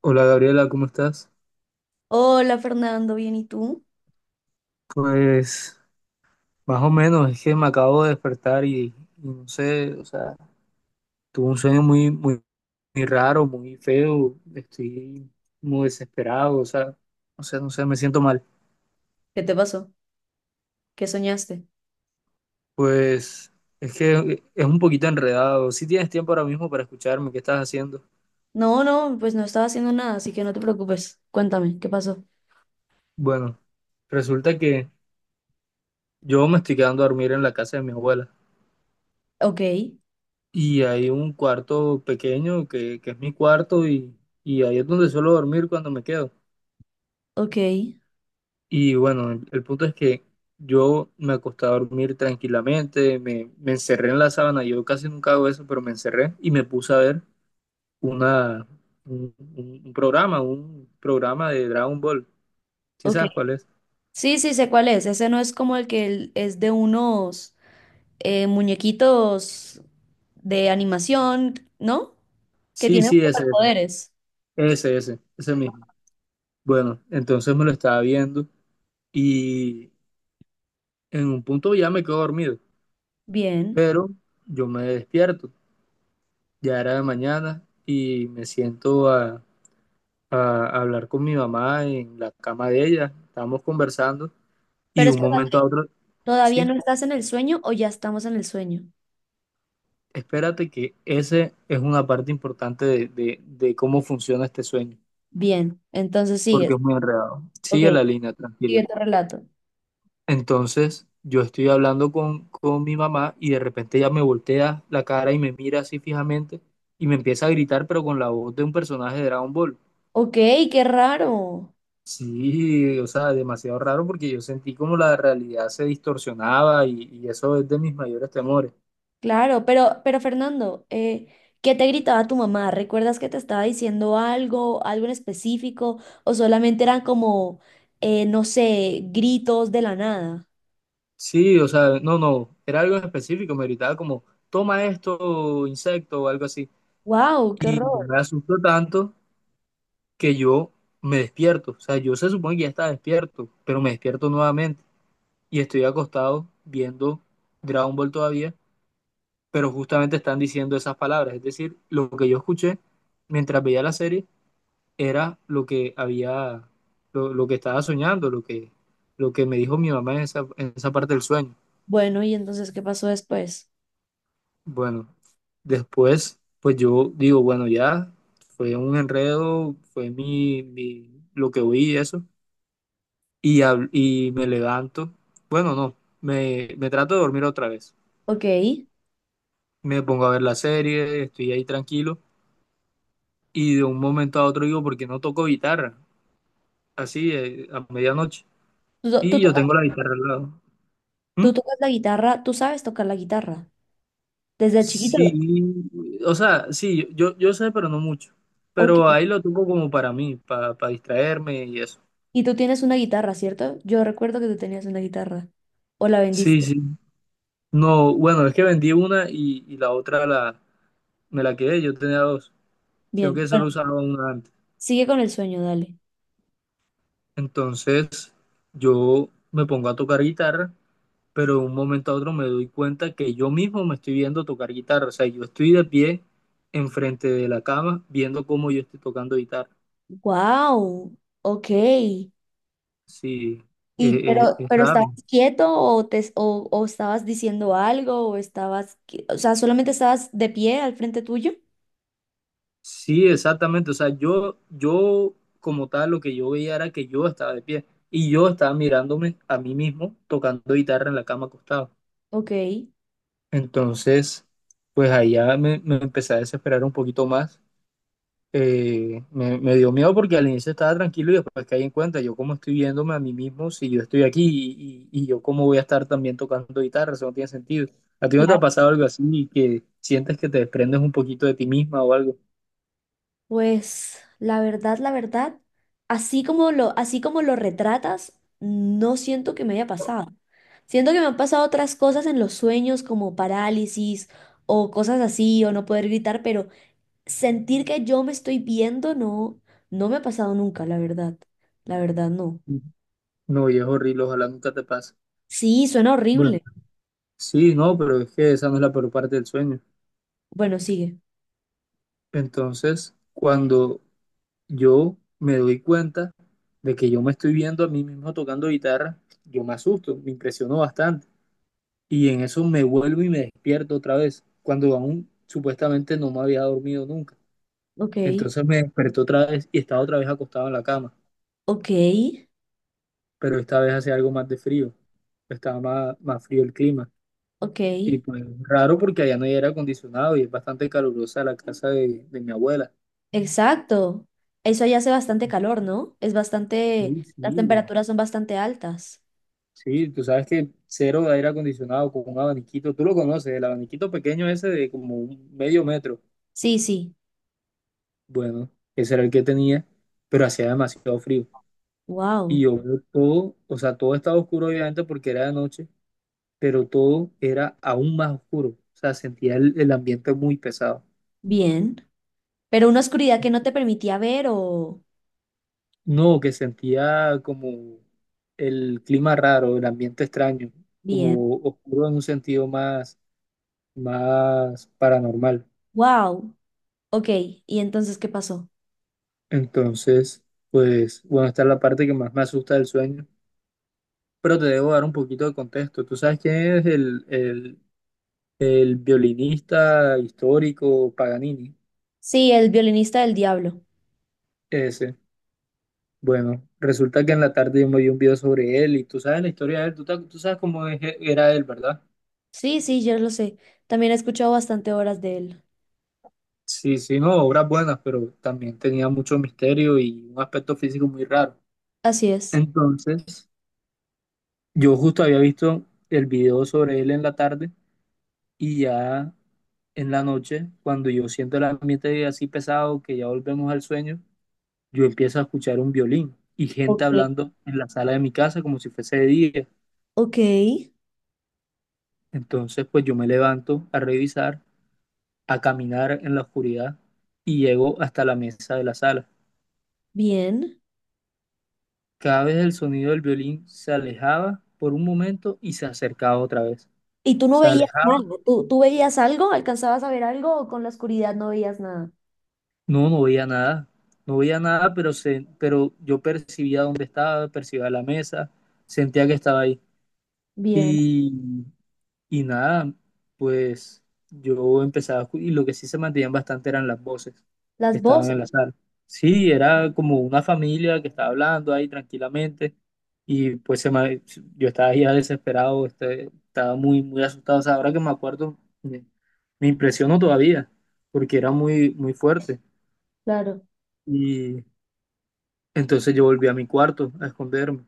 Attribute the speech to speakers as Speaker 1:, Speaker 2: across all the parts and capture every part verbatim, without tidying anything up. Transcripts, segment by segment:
Speaker 1: Hola Gabriela, ¿cómo estás?
Speaker 2: Hola Fernando, bien, ¿y tú?
Speaker 1: Pues más o menos, es que me acabo de despertar y, y no sé, o sea, tuve un sueño muy, muy, muy raro, muy feo, estoy muy desesperado, o sea, o sea, no sé, me siento mal.
Speaker 2: ¿Qué te pasó? ¿Qué soñaste?
Speaker 1: Pues es que es un poquito enredado. Si tienes tiempo ahora mismo para escucharme, ¿qué estás haciendo?
Speaker 2: No, no, pues no estaba haciendo nada, así que no te preocupes. Cuéntame, ¿qué pasó?
Speaker 1: Bueno, resulta que yo me estoy quedando a dormir en la casa de mi abuela
Speaker 2: Ok,
Speaker 1: y hay un cuarto pequeño que, que es mi cuarto y, y ahí es donde suelo dormir cuando me quedo.
Speaker 2: ok,
Speaker 1: Y bueno, el, el punto es que yo me acosté a dormir tranquilamente, me, me encerré en la sábana, yo casi nunca hago eso, pero me encerré y me puse a ver una, un, un- un programa, un programa de Dragon Ball. ¿Sí
Speaker 2: ok.
Speaker 1: sabes cuál es?
Speaker 2: Sí, sí, sé cuál es. Ese no es como el que el- es de unos eh, muñequitos de animación, ¿no? Que
Speaker 1: Sí,
Speaker 2: tienen
Speaker 1: sí, ese,
Speaker 2: superpoderes.
Speaker 1: ese, ese, ese, ese mismo. Bueno, entonces me lo estaba viendo y en un punto ya me quedo dormido,
Speaker 2: Bien.
Speaker 1: pero yo me despierto, ya era de mañana y me siento a a, a hablar con mi mamá en la cama de ella. Estábamos conversando y
Speaker 2: Pero
Speaker 1: de un momento
Speaker 2: espérate,
Speaker 1: a otro,
Speaker 2: ¿todavía
Speaker 1: sí,
Speaker 2: no estás en el sueño o ya estamos en el sueño?
Speaker 1: espérate que ese es una parte importante de, de, de cómo funciona este sueño,
Speaker 2: Bien, entonces
Speaker 1: porque
Speaker 2: sigues.
Speaker 1: es muy enredado.
Speaker 2: Ok,
Speaker 1: Sigue la línea, tranquila.
Speaker 2: sigue tu relato.
Speaker 1: Entonces, yo estoy hablando con, con mi mamá y de repente ella me voltea la cara y me mira así fijamente y me empieza a gritar, pero con la voz de un personaje de Dragon Ball.
Speaker 2: Ok, qué raro.
Speaker 1: Sí, o sea, demasiado raro porque yo sentí como la realidad se distorsionaba y, y eso es de mis mayores temores.
Speaker 2: Claro, pero, pero Fernando, eh, ¿qué te gritaba tu mamá? ¿Recuerdas que te estaba diciendo algo, algo en específico? ¿O solamente eran como, eh, no sé, gritos de la nada?
Speaker 1: Sí, o sea, no, no, era algo en específico, me gritaba como, toma esto, insecto o algo así.
Speaker 2: ¡Wow! ¡Qué
Speaker 1: Y
Speaker 2: horror!
Speaker 1: me asustó tanto que yo me despierto, o sea, yo se supone que ya estaba despierto, pero me despierto nuevamente y estoy acostado viendo Dragon Ball todavía, pero justamente están diciendo esas palabras, es decir, lo que yo escuché mientras veía la serie era lo que había, lo, lo que estaba soñando, lo que, lo que me dijo mi mamá en esa, en esa parte del sueño.
Speaker 2: Bueno, ¿y entonces qué pasó después?
Speaker 1: Bueno, después, pues yo digo, bueno, ya fue un enredo, fue mi, mi- lo que oí y eso, y, hab- y me levanto, bueno, no, me, me trato de dormir otra vez,
Speaker 2: Ok.
Speaker 1: me pongo a ver la serie, estoy ahí tranquilo, y de un momento a otro digo, ¿por qué no toco guitarra? Así, eh, a medianoche,
Speaker 2: ¿Tú, to- tú
Speaker 1: y yo
Speaker 2: tocas,
Speaker 1: tengo la guitarra al lado. ¿Mm?
Speaker 2: tú tocas la guitarra? ¿Tú sabes tocar la guitarra? Desde chiquito.
Speaker 1: Sí, o sea, sí, yo, yo sé, pero no mucho.
Speaker 2: Ok.
Speaker 1: Pero ahí lo tengo como para mí, para distraerme y eso.
Speaker 2: Y tú tienes una guitarra, ¿cierto? Yo recuerdo que tú tenías una guitarra. ¿O la
Speaker 1: Sí,
Speaker 2: vendiste?
Speaker 1: sí. No, bueno, es que vendí una y, y la otra la, me la quedé, yo tenía dos, sino
Speaker 2: Bien.
Speaker 1: que
Speaker 2: Bueno,
Speaker 1: solo usaba una antes.
Speaker 2: sigue con el sueño, dale.
Speaker 1: Entonces, yo me pongo a tocar guitarra, pero de un momento a otro me doy cuenta que yo mismo me estoy viendo tocar guitarra. O sea, yo estoy de pie enfrente de la cama viendo cómo yo estoy tocando guitarra.
Speaker 2: ¡Wow! Ok.
Speaker 1: Sí,
Speaker 2: Y
Speaker 1: eh, eh,
Speaker 2: pero,
Speaker 1: es
Speaker 2: pero
Speaker 1: raro.
Speaker 2: estabas quieto o te o, o estabas diciendo algo o estabas, qui- o sea, solamente estabas de pie al frente tuyo.
Speaker 1: Sí, exactamente. O sea, yo, yo como tal, lo que yo veía era que yo estaba de pie y yo estaba mirándome a mí mismo tocando guitarra en la cama acostado.
Speaker 2: Ok.
Speaker 1: Entonces, pues allá me, me empecé a desesperar un poquito más. Eh, me, me dio miedo porque al inicio estaba tranquilo y después caí en cuenta, yo cómo estoy viéndome a mí mismo si yo estoy aquí y, y- y yo cómo voy a estar también tocando guitarra, eso no tiene sentido. ¿A ti no te ha
Speaker 2: Claro.
Speaker 1: pasado algo así que sientes que te desprendes un poquito de ti misma o algo?
Speaker 2: Pues la verdad, la verdad, así como lo, así como lo retratas, no siento que me haya pasado. Siento que me han pasado otras cosas en los sueños como parálisis o cosas así o no poder gritar, pero sentir que yo me estoy viendo no, no me ha pasado nunca, la verdad. La verdad no.
Speaker 1: No, y es horrible, ojalá nunca te pase.
Speaker 2: Sí, suena
Speaker 1: Bueno.
Speaker 2: horrible.
Speaker 1: Sí, no, pero es que esa no es la peor parte del sueño.
Speaker 2: Bueno, sigue.
Speaker 1: Entonces, cuando yo me doy cuenta de que yo me estoy viendo a mí mismo tocando guitarra, yo me asusto, me impresiono bastante. Y en eso me vuelvo y me despierto otra vez, cuando aún supuestamente no me había dormido nunca.
Speaker 2: Ok,
Speaker 1: Entonces me desperté otra vez y estaba otra vez acostado en la cama,
Speaker 2: ok,
Speaker 1: pero esta vez hacía algo más de frío, estaba más, más frío el clima.
Speaker 2: ok.
Speaker 1: Y pues raro porque allá no hay aire acondicionado y es bastante calurosa la casa de, de mi abuela.
Speaker 2: Exacto. Eso allá hace bastante calor, ¿no? Es bastante,
Speaker 1: Sí, sí.
Speaker 2: las temperaturas son bastante altas.
Speaker 1: Sí, tú sabes que cero de aire acondicionado con un abaniquito, tú lo conoces, el abaniquito pequeño ese de como un medio metro.
Speaker 2: Sí, sí.
Speaker 1: Bueno, ese era el que tenía, pero hacía demasiado frío. Y
Speaker 2: Wow.
Speaker 1: yo veo todo, o sea, todo estaba oscuro obviamente porque era de noche, pero todo era aún más oscuro. O sea, sentía el el ambiente muy pesado.
Speaker 2: Bien. Pero una oscuridad que no te permitía ver o...
Speaker 1: No, que sentía como el clima raro, el ambiente extraño,
Speaker 2: Bien.
Speaker 1: como oscuro en un sentido más, más paranormal.
Speaker 2: Wow. Ok. ¿Y entonces qué pasó?
Speaker 1: Entonces, pues, bueno, esta es la parte que más me asusta del sueño, pero te debo dar un poquito de contexto. ¿Tú sabes quién es el, el, el violinista histórico Paganini?
Speaker 2: Sí, el violinista del diablo.
Speaker 1: Ese. Bueno, resulta que en la tarde yo me vi un video sobre él y tú sabes la historia de él, tú, ta- tú sabes cómo es- era él, ¿verdad?
Speaker 2: Sí, sí, yo lo sé. También he escuchado bastante horas de él.
Speaker 1: Sí, sí, no, obras buenas, pero también tenía mucho misterio y un aspecto físico muy raro.
Speaker 2: Así es.
Speaker 1: Entonces, yo justo había visto el video sobre él en la tarde y ya en la noche, cuando yo siento el ambiente así pesado, que ya volvemos al sueño, yo empiezo a escuchar un violín y gente
Speaker 2: Ok.
Speaker 1: hablando en la sala de mi casa como si fuese de día.
Speaker 2: Ok.
Speaker 1: Entonces, pues yo me levanto a revisar, a caminar en la oscuridad y llego hasta la mesa de la sala.
Speaker 2: Bien.
Speaker 1: Cada vez el sonido del violín se alejaba por un momento y se acercaba otra vez.
Speaker 2: Y tú no
Speaker 1: Se
Speaker 2: veías nada,
Speaker 1: alejaba,
Speaker 2: tú, tú veías algo, alcanzabas a ver algo o con la oscuridad no veías nada.
Speaker 1: no, no veía nada, no veía nada, pero, se, pero yo percibía dónde estaba, percibía la mesa, sentía que estaba ahí.
Speaker 2: Bien.
Speaker 1: Y, y nada, pues yo empezaba, a escu- y lo que sí se mantenían bastante eran las voces que
Speaker 2: Las
Speaker 1: estaban
Speaker 2: voces,
Speaker 1: en la sala. Sí, era como una familia que estaba hablando ahí tranquilamente. Y pues se me- yo estaba ya desesperado, este, estaba muy, muy asustado. O sea, ahora que me acuerdo, me, me impresionó todavía, porque era muy, muy fuerte.
Speaker 2: claro,
Speaker 1: Y entonces yo volví a mi cuarto a esconderme.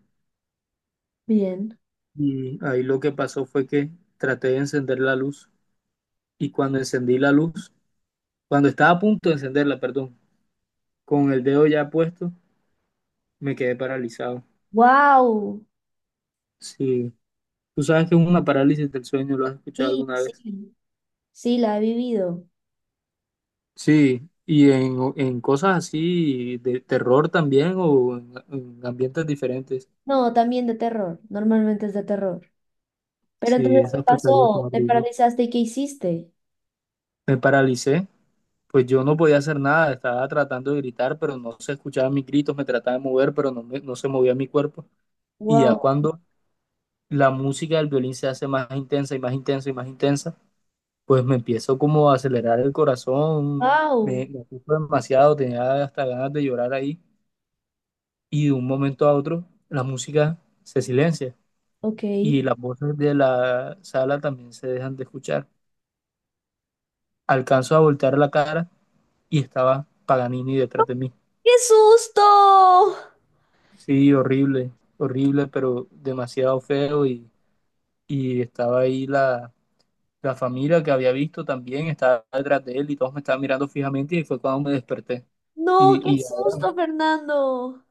Speaker 2: bien.
Speaker 1: Y ahí lo que pasó fue que traté de encender la luz. Y cuando encendí la luz, cuando estaba a punto de encenderla, perdón, con el dedo ya puesto, me quedé paralizado.
Speaker 2: Wow.
Speaker 1: Sí, tú sabes que es una parálisis del sueño, ¿lo has escuchado
Speaker 2: Sí,
Speaker 1: alguna vez?
Speaker 2: sí, sí, la he vivido.
Speaker 1: Sí, y en, en cosas así de terror también o en, en ambientes diferentes.
Speaker 2: No, también de terror, normalmente es de terror. Pero
Speaker 1: Sí,
Speaker 2: entonces, ¿qué
Speaker 1: esas pesadillas son
Speaker 2: pasó? ¿Te
Speaker 1: horribles.
Speaker 2: paralizaste y qué hiciste?
Speaker 1: Me paralicé, pues yo no podía hacer nada, estaba tratando de gritar, pero no se escuchaban mis gritos, me trataba de mover, pero no, me- no se movía mi cuerpo. Y ya
Speaker 2: Wow,
Speaker 1: cuando la música del violín se hace más intensa y más intensa y más intensa, pues me empiezo como a acelerar el corazón, me,
Speaker 2: wow,
Speaker 1: me asusto demasiado, tenía hasta ganas de llorar ahí. Y de un momento a otro, la música se silencia
Speaker 2: ok. ¡Qué
Speaker 1: y las voces de la sala también se dejan de escuchar. Alcanzo a voltear la cara y estaba Paganini detrás de mí.
Speaker 2: susto!
Speaker 1: Sí, horrible, horrible, pero demasiado feo y, y estaba ahí la, la familia que había visto también, estaba detrás de él y todos me estaban mirando fijamente y fue cuando me desperté.
Speaker 2: No,
Speaker 1: Y,
Speaker 2: qué
Speaker 1: y
Speaker 2: susto, Fernando.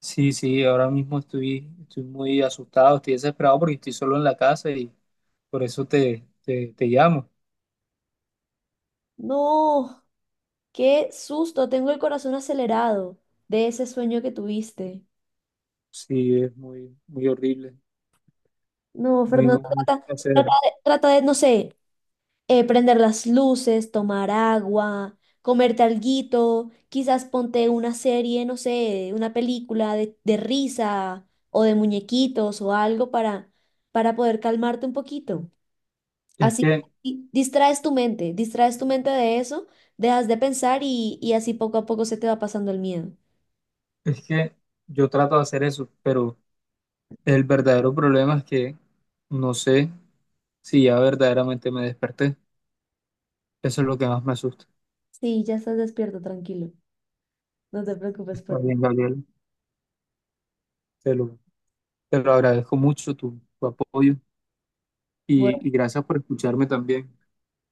Speaker 1: sí, sí, ahora mismo estoy, estoy muy asustado, estoy desesperado porque estoy solo en la casa y por eso te, te, te llamo.
Speaker 2: No, qué susto, tengo el corazón acelerado de ese sueño que tuviste.
Speaker 1: Sí, es muy, muy horrible,
Speaker 2: No,
Speaker 1: muy,
Speaker 2: Fernando,
Speaker 1: no, mucho que
Speaker 2: trata,
Speaker 1: hacer.
Speaker 2: trata de, trata de, no sé, eh, prender las luces, tomar agua, comerte alguito, quizás ponte una serie, no sé, una película de, de risa o de muñequitos o algo para, para poder calmarte un poquito.
Speaker 1: Es
Speaker 2: Así
Speaker 1: que
Speaker 2: di- distraes tu mente, distraes tu mente de eso, dejas de pensar y, y así poco a poco se te va pasando el miedo.
Speaker 1: Es que yo trato de hacer eso, pero el verdadero problema es que no sé si ya verdaderamente me desperté. Eso es lo que más me asusta.
Speaker 2: Sí, ya estás despierto, tranquilo. No te preocupes por
Speaker 1: Está
Speaker 2: eso.
Speaker 1: bien, Gabriel. Te lo, te lo agradezco mucho tu, tu apoyo
Speaker 2: Bueno,
Speaker 1: y, y gracias por escucharme también.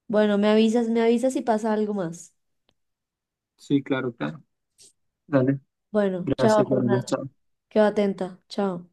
Speaker 2: bueno, me avisas, me avisas si pasa algo más.
Speaker 1: Sí, claro, claro. Dale.
Speaker 2: Bueno, chao,
Speaker 1: Gracias, Gabriel.
Speaker 2: Fernando.
Speaker 1: Chao.
Speaker 2: Quedo atenta. Chao.